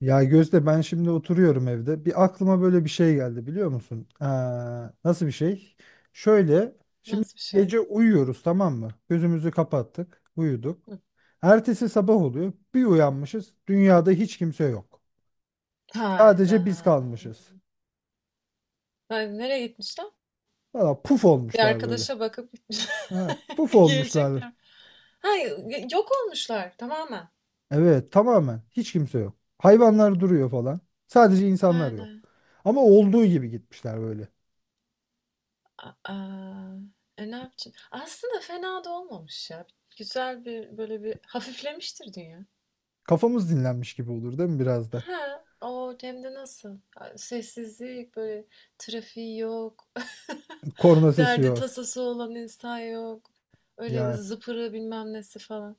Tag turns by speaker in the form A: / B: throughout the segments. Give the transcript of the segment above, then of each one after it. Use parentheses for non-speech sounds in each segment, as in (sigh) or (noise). A: Ya Gözde ben şimdi oturuyorum evde. Bir aklıma böyle bir şey geldi biliyor musun? Nasıl bir şey? Şöyle şimdi
B: Nasıl bir şey?
A: gece uyuyoruz tamam mı? Gözümüzü kapattık, uyuduk.
B: Hı.
A: Ertesi sabah oluyor. Bir uyanmışız. Dünyada hiç kimse yok.
B: Hayda.
A: Sadece biz kalmışız.
B: Hayır, nereye gitmişler?
A: Valla puf
B: Bir
A: olmuşlar böyle.
B: arkadaşa bakıp gitmiş.
A: Ha, puf
B: (laughs)
A: olmuşlar.
B: Gelecekler. Hayır, yok olmuşlar tamamen.
A: Evet tamamen hiç kimse yok. Hayvanlar duruyor falan. Sadece insanlar yok.
B: Hala.
A: Ama olduğu gibi gitmişler böyle.
B: Aa, ne yapacağım? Aslında fena da olmamış ya. Güzel bir böyle bir hafiflemiştir dünya.
A: Kafamız dinlenmiş gibi olur değil mi biraz da?
B: Ha, o hem de nasıl? Sessizlik böyle trafiği yok. (laughs)
A: Korna sesi
B: Derdi
A: yok.
B: tasası olan insan yok. Öyle
A: Yani
B: zıpırı bilmem nesi falan.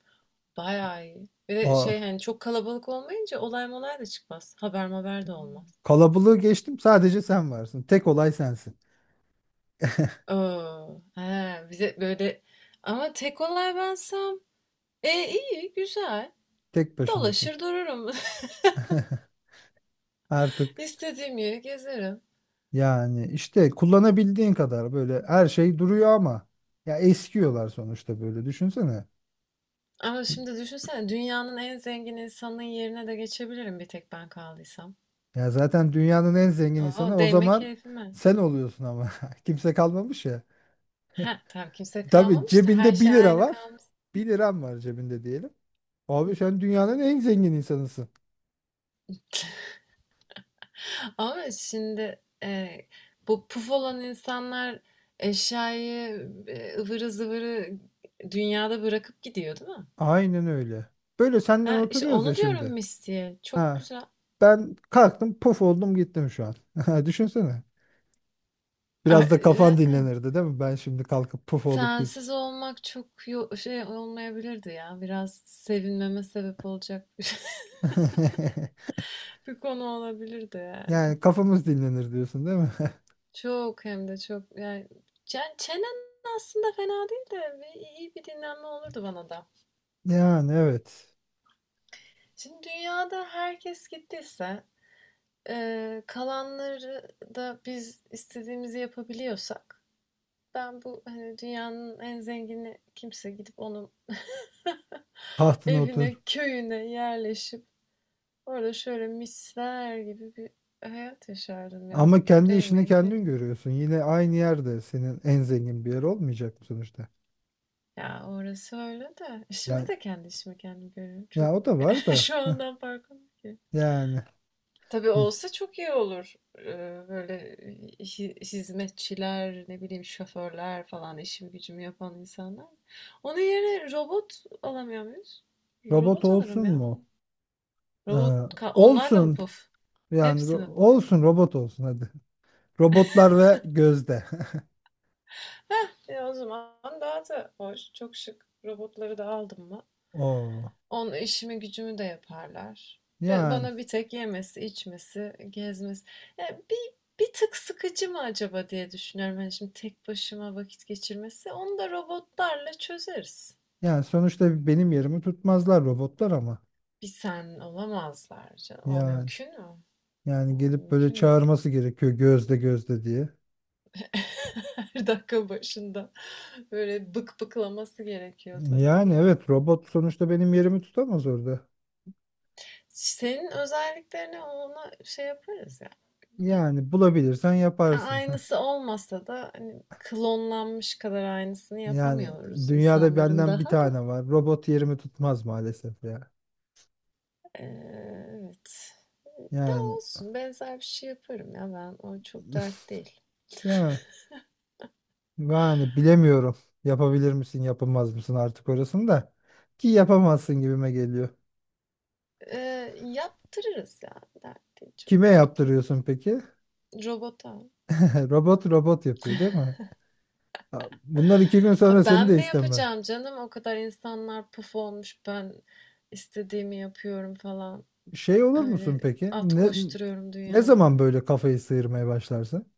B: Bayağı iyi. Bir de
A: o
B: şey hani çok kalabalık olmayınca olay molay da çıkmaz. Haber haber de olmaz.
A: kalabalığı geçtim, sadece sen varsın. Tek olay sensin.
B: Oo, he, bize böyle ama tek olay bensem iyi güzel
A: Tek başınasın.
B: dolaşır dururum. (laughs)
A: (laughs) Artık
B: İstediğim yeri gezerim.
A: yani işte kullanabildiğin kadar böyle her şey duruyor ama ya eskiyorlar sonuçta, böyle düşünsene.
B: Ama şimdi düşünsene dünyanın en zengin insanının yerine de geçebilirim bir tek ben kaldıysam.
A: Ya zaten dünyanın en zengin insanı
B: Oo,
A: o
B: değme
A: zaman
B: keyfime.
A: sen oluyorsun ama (laughs) kimse kalmamış ya.
B: Heh, tam kimse
A: Tabii
B: kalmamış da her
A: cebinde bir
B: şey
A: lira
B: aynı
A: var.
B: kalmış.
A: Bir liram var cebinde diyelim. Abi sen dünyanın en zengin insanısın.
B: Ama şimdi bu puf olan insanlar eşyayı ıvırı zıvırı dünyada bırakıp gidiyor değil mi?
A: Aynen öyle. Böyle senden
B: Ha, işte
A: oturuyoruz ya
B: onu diyorum
A: şimdi.
B: Misty'ye. Çok
A: Ha.
B: güzel.
A: Ben kalktım puf oldum gittim şu an. (laughs) Düşünsene. Biraz da kafan
B: (laughs)
A: dinlenirdi değil mi? Ben şimdi kalkıp puf olup git.
B: Sensiz olmak çok şey olmayabilirdi ya. Biraz sevinmeme sebep olacak bir,
A: (laughs)
B: (laughs) bir konu olabilirdi yani.
A: Yani kafamız dinlenir diyorsun değil mi? (laughs)
B: Çok hem de çok yani çenen aslında fena değil de iyi bir dinlenme olurdu bana da.
A: Yani evet.
B: Şimdi dünyada herkes gittiyse kalanları da biz istediğimizi yapabiliyorsak ben bu hani dünyanın en zengini kimse gidip onun (laughs)
A: Tahtına otur.
B: evine, köyüne yerleşip orada şöyle misler gibi bir hayat yaşardım ya.
A: Ama kendi işini
B: Değmeyin
A: kendin
B: keyfim.
A: görüyorsun. Yine aynı yerde senin en zengin bir yer olmayacak mı sonuçta?
B: Ya orası öyle de. Şimdi
A: Yani
B: de kendi işimi kendim görüyorum. Çok
A: ya o da var
B: (laughs)
A: da.
B: şu
A: (laughs)
B: andan farkım ki.
A: Yani
B: Tabii
A: hı.
B: olsa çok iyi olur. Böyle hizmetçiler, ne bileyim şoförler falan işimi gücümü yapan insanlar. Onun yerine robot alamıyor muyuz?
A: Robot
B: Robot
A: olsun
B: alırım ya.
A: mu? Ee,
B: Robot, onlar da mı
A: Olsun.
B: puf?
A: Yani
B: Hepsi mi puf?
A: olsun, robot olsun hadi. Robotlar ve gözde. (laughs)
B: E, o zaman daha da hoş, çok şık. Robotları da aldım mı?
A: Oo.
B: Onun işimi gücümü de yaparlar. Ben,
A: Yani
B: bana bir tek yemesi, içmesi, gezmesi. Ya bir, bir tık sıkıcı mı acaba diye düşünüyorum. Hani şimdi tek başıma vakit geçirmesi. Onu da robotlarla çözeriz.
A: Yani sonuçta benim yerimi tutmazlar robotlar ama.
B: Bir sen olamazlar canım. O
A: Yani
B: mümkün mü?
A: Yani
B: O
A: gelip böyle
B: mümkün değil.
A: çağırması gerekiyor, gözde gözde diye.
B: (laughs) Her dakika başında böyle bık bıklaması gerekiyor tabii ama
A: Yani evet, robot sonuçta benim yerimi tutamaz orada.
B: senin özelliklerine ona şey yaparız ya.
A: Yani bulabilirsen yaparsın. (laughs)
B: Aynısı olmasa da hani klonlanmış kadar aynısını
A: Yani
B: yapamıyoruz
A: dünyada
B: insanların
A: benden bir
B: daha da.
A: tane var. Robot yerimi tutmaz maalesef ya.
B: Ee, evet. Ya
A: Yani
B: olsun benzer bir şey yaparım ya ben o çok
A: (laughs)
B: dert değil.
A: ya yani bilemiyorum. Yapabilir misin, yapamaz mısın artık orasını da. Ki yapamazsın gibime geliyor.
B: Ee, yaptırırız ya dert değil
A: Kime
B: çok dert değil.
A: yaptırıyorsun peki?
B: Robota.
A: (laughs) Robot robot yapıyor değil mi? Ha, bunlar iki gün
B: Ha,
A: sonra seni
B: ben
A: de
B: mi
A: isteme.
B: yapacağım canım o kadar insanlar puf olmuş ben istediğimi yapıyorum falan
A: Şey olur musun
B: öyle
A: peki?
B: at koşturuyorum
A: Ne
B: dünyada.
A: zaman böyle kafayı sıyırmaya başlarsın?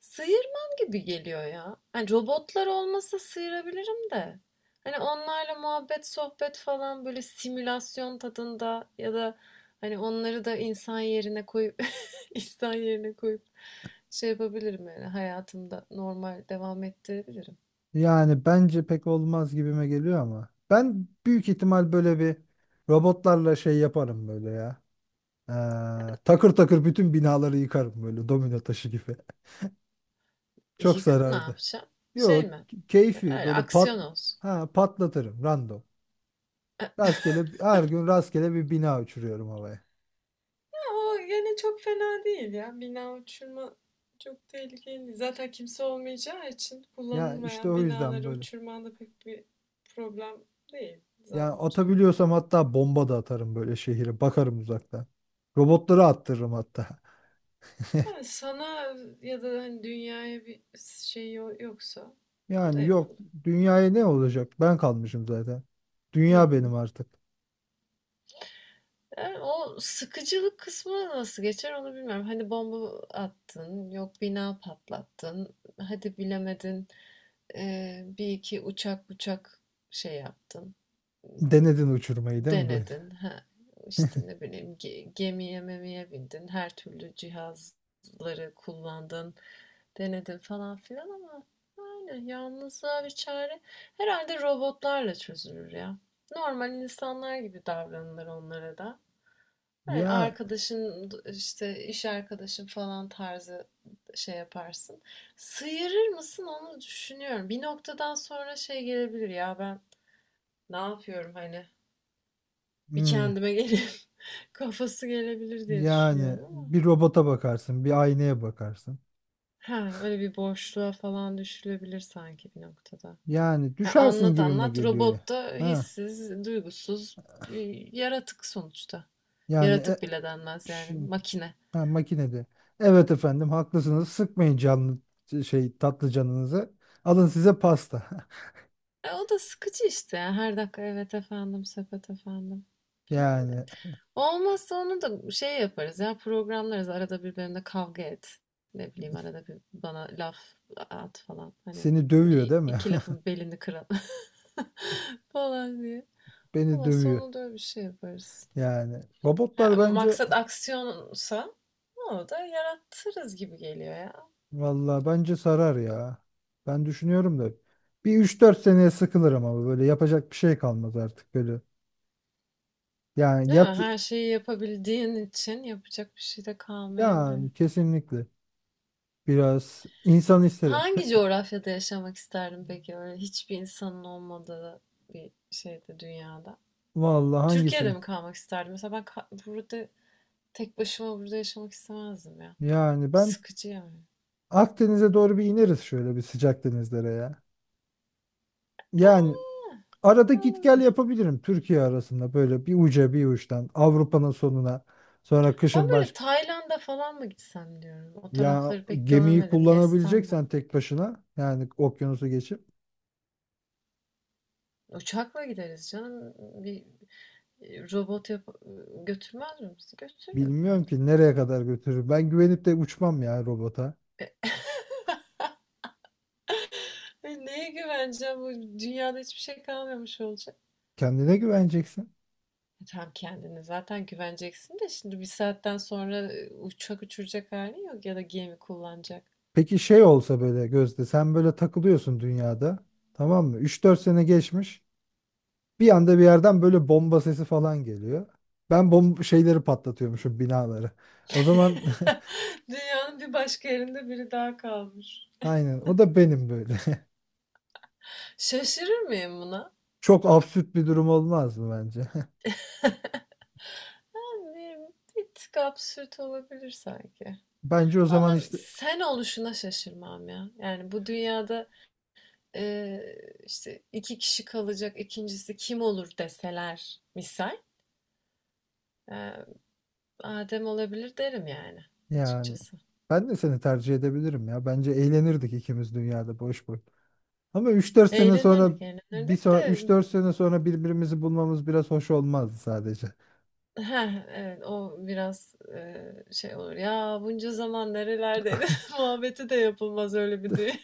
B: Sıyırmam gibi geliyor ya. Hani robotlar olmasa sıyırabilirim de. Hani onlarla muhabbet, sohbet falan böyle simülasyon tadında ya da hani onları da insan yerine koyup (laughs) insan yerine koyup şey yapabilirim yani hayatımda normal devam ettirebilirim.
A: Yani bence pek olmaz gibime geliyor ama. Ben büyük ihtimal böyle bir robotlarla şey yaparım böyle ya. Ee, Takır takır bütün binaları yıkarım böyle domino taşı gibi. (laughs)
B: E,
A: Çok
B: yıkıp ne
A: zarardı.
B: yapacağım? Şey
A: Yok,
B: mi?
A: keyfi
B: Öyle
A: böyle
B: aksiyon
A: pat
B: olsun. (laughs)
A: ha patlatırım random. Rastgele her gün rastgele bir bina uçuruyorum havaya.
B: O gene çok fena değil ya. Bina uçurma çok tehlikeli değil. Zaten kimse olmayacağı için
A: Ya işte
B: kullanılmayan
A: o yüzden
B: binaları
A: böyle.
B: uçurman da pek bir problem değil
A: Yani
B: zannımca.
A: atabiliyorsam hatta bomba da atarım böyle şehire. Bakarım uzaktan. Robotları attırırım hatta.
B: Ama sana ya da hani dünyaya bir şey yoksa o da
A: Yani yok,
B: yapılır.
A: dünyaya ne olacak? Ben kalmışım zaten. Dünya benim
B: Hmm.
A: artık.
B: Yani o sıkıcılık kısmı nasıl geçer onu bilmiyorum. Hani bomba attın, yok bina patlattın, hadi bilemedin e, bir iki uçak şey yaptın.
A: Denedin uçurmayı değil mi böyle?
B: Denedin. Ha, işte ne bileyim gemiye memiye bindin. Her türlü cihazları kullandın. Denedin falan filan ama yani yalnızlığa bir çare. Herhalde robotlarla çözülür ya. Normal insanlar gibi davranılır onlara da. Yani
A: Ya
B: arkadaşın işte iş arkadaşın falan tarzı şey yaparsın. Sıyırır mısın onu düşünüyorum. Bir noktadan sonra şey gelebilir ya ben ne yapıyorum hani bir
A: hmm,
B: kendime gelip (laughs) kafası gelebilir diye
A: yani
B: düşünüyorum ama.
A: bir robota bakarsın, bir aynaya bakarsın.
B: Ha, öyle bir boşluğa falan düşülebilir sanki bir noktada.
A: Yani
B: Yani
A: düşersin
B: anlat
A: gibime
B: anlat
A: geliyor ya.
B: robot da
A: Ha,
B: hissiz, duygusuz bir yaratık sonuçta.
A: yani
B: Yaratık bile denmez yani
A: şi-
B: makine.
A: ha, makinede. Evet efendim, haklısınız. Sıkmayın canlı şey tatlı canınızı. Alın size pasta. (laughs)
B: E, o da sıkıcı işte. Ya. Her dakika evet efendim, sepet efendim.
A: Yani
B: Olmazsa onu da şey yaparız ya programlarız arada bir benimle kavga et. Ne bileyim arada bir bana laf at falan. Hani
A: seni dövüyor
B: bir
A: değil mi?
B: iki
A: (laughs)
B: lafın belini kıralım (laughs) falan diye.
A: Beni
B: Olmazsa
A: dövüyor.
B: onu da öyle bir şey yaparız.
A: Yani
B: Ha,
A: robotlar bence
B: maksat aksiyonsa onu da yarattırız gibi geliyor ya.
A: valla bence sarar ya. Ben düşünüyorum da bir üç dört seneye sıkılırım ama böyle yapacak bir şey kalmaz artık böyle. Yani
B: Değil mi? Her şeyi yapabildiğin için yapacak bir şey de kalmayabilir.
A: yani kesinlikle biraz insan isterim.
B: Hangi coğrafyada yaşamak isterdin peki? Öyle hiçbir insanın olmadığı bir şeyde dünyada.
A: Valla
B: Türkiye'de
A: hangisini?
B: mi kalmak isterdim? Mesela ben burada tek başıma burada yaşamak istemezdim ya.
A: Yani ben
B: Sıkıcı yani.
A: Akdeniz'e doğru bir ineriz şöyle, bir sıcak denizlere ya. Yani arada
B: Aa,
A: git gel
B: olabilir.
A: yapabilirim Türkiye arasında, böyle bir uca bir uçtan Avrupa'nın sonuna, sonra
B: Ben
A: kışın
B: böyle
A: başka.
B: Tayland'a falan mı gitsem diyorum. O
A: Ya
B: tarafları pek
A: gemiyi
B: görmedim. Gezsem ben.
A: kullanabileceksen tek başına yani, okyanusu geçip
B: Uçakla gideriz canım. Bir robot yap götürmez mi bizi? Götürür herhalde.
A: bilmiyorum ki nereye kadar götürür. Ben güvenip de uçmam ya robota.
B: E, neye güveneceğim? Bu dünyada hiçbir şey kalmamış olacak.
A: Kendine güveneceksin.
B: E, tamam kendine zaten güveneceksin de şimdi bir saatten sonra uçak uçuracak halin yok ya da gemi kullanacak.
A: Peki şey olsa böyle Gözde, sen böyle takılıyorsun dünyada tamam mı? Üç dört sene geçmiş, bir anda bir yerden böyle bomba sesi falan geliyor. Ben şeyleri patlatıyormuşum, binaları. O zaman
B: (laughs) Dünyanın bir başka yerinde biri daha kalmış.
A: (laughs) aynen o da benim böyle. (laughs)
B: Şaşırır mıyım buna?
A: Çok absürt bir durum olmaz mı bence?
B: Yani bir tık absürt olabilir sanki.
A: (laughs) Bence o zaman
B: Ama
A: hiç.
B: sen oluşuna şaşırmam ya. Yani bu dünyada e, işte iki kişi kalacak ikincisi kim olur deseler misal. e, Adem olabilir derim yani
A: Yani
B: açıkçası.
A: ben de seni tercih edebilirim ya. Bence eğlenirdik ikimiz dünyada boş boş. Ama üç dört sene sonra
B: Eğlenirdik,
A: bir
B: eğlenirdik
A: son,
B: de
A: 3-4 sene sonra birbirimizi bulmamız biraz hoş olmazdı sadece.
B: heh, evet, o biraz, şey olur. "Ya, bunca zaman nerelerdeydin?" (laughs)
A: (laughs)
B: muhabbeti de yapılmaz öyle bir dünya.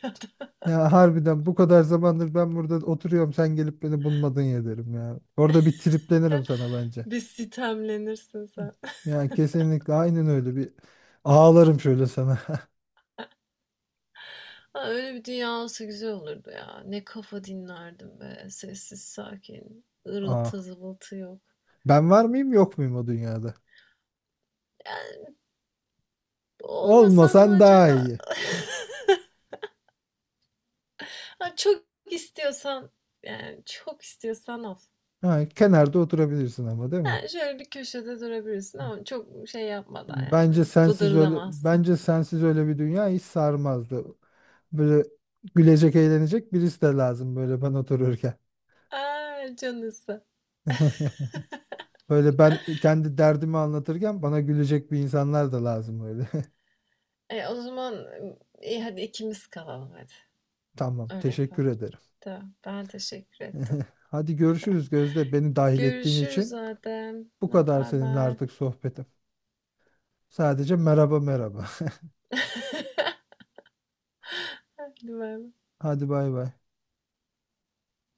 A: Ya harbiden bu kadar zamandır ben burada oturuyorum, sen gelip beni bulmadın ya derim ya. Orada bir triplenirim sana bence.
B: (laughs) Bir sitemlenirsin sen.
A: Yani kesinlikle aynen öyle bir ağlarım şöyle sana.
B: Ha, öyle bir dünya olsa güzel olurdu ya. Ne kafa dinlerdim be. Sessiz, sakin.
A: (laughs) Aa,
B: Irıltı zıvıltı yok.
A: ben var mıyım yok muyum o dünyada?
B: Yani olmasan mı
A: Olmasan daha
B: acaba?
A: iyi.
B: (laughs) Ha, çok istiyorsan, yani çok istiyorsan al.
A: Ha, kenarda oturabilirsin ama değil mi?
B: Yani şöyle bir köşede durabilirsin ama çok şey yapmadan yani
A: Bence sensiz öyle
B: bıdırdamazsan.
A: bence sensiz öyle bir dünya hiç sarmazdı. Böyle gülecek, eğlenecek birisi de lazım böyle ben otururken.
B: Ay, canısı.
A: (laughs) Böyle ben kendi derdimi anlatırken bana gülecek bir insanlar da lazım öyle.
B: E, o zaman iyi hadi ikimiz kalalım hadi.
A: (laughs) Tamam,
B: Öyle yapalım.
A: teşekkür ederim.
B: Tamam. Ben teşekkür ettim.
A: (laughs) Hadi görüşürüz Gözde. Beni dahil ettiğin
B: Görüşürüz
A: için
B: Adem.
A: bu
B: Hadi
A: kadar seninle
B: baybay.
A: artık sohbetim. Sadece merhaba merhaba.
B: Hadi baybay.
A: (laughs) Hadi bay bay.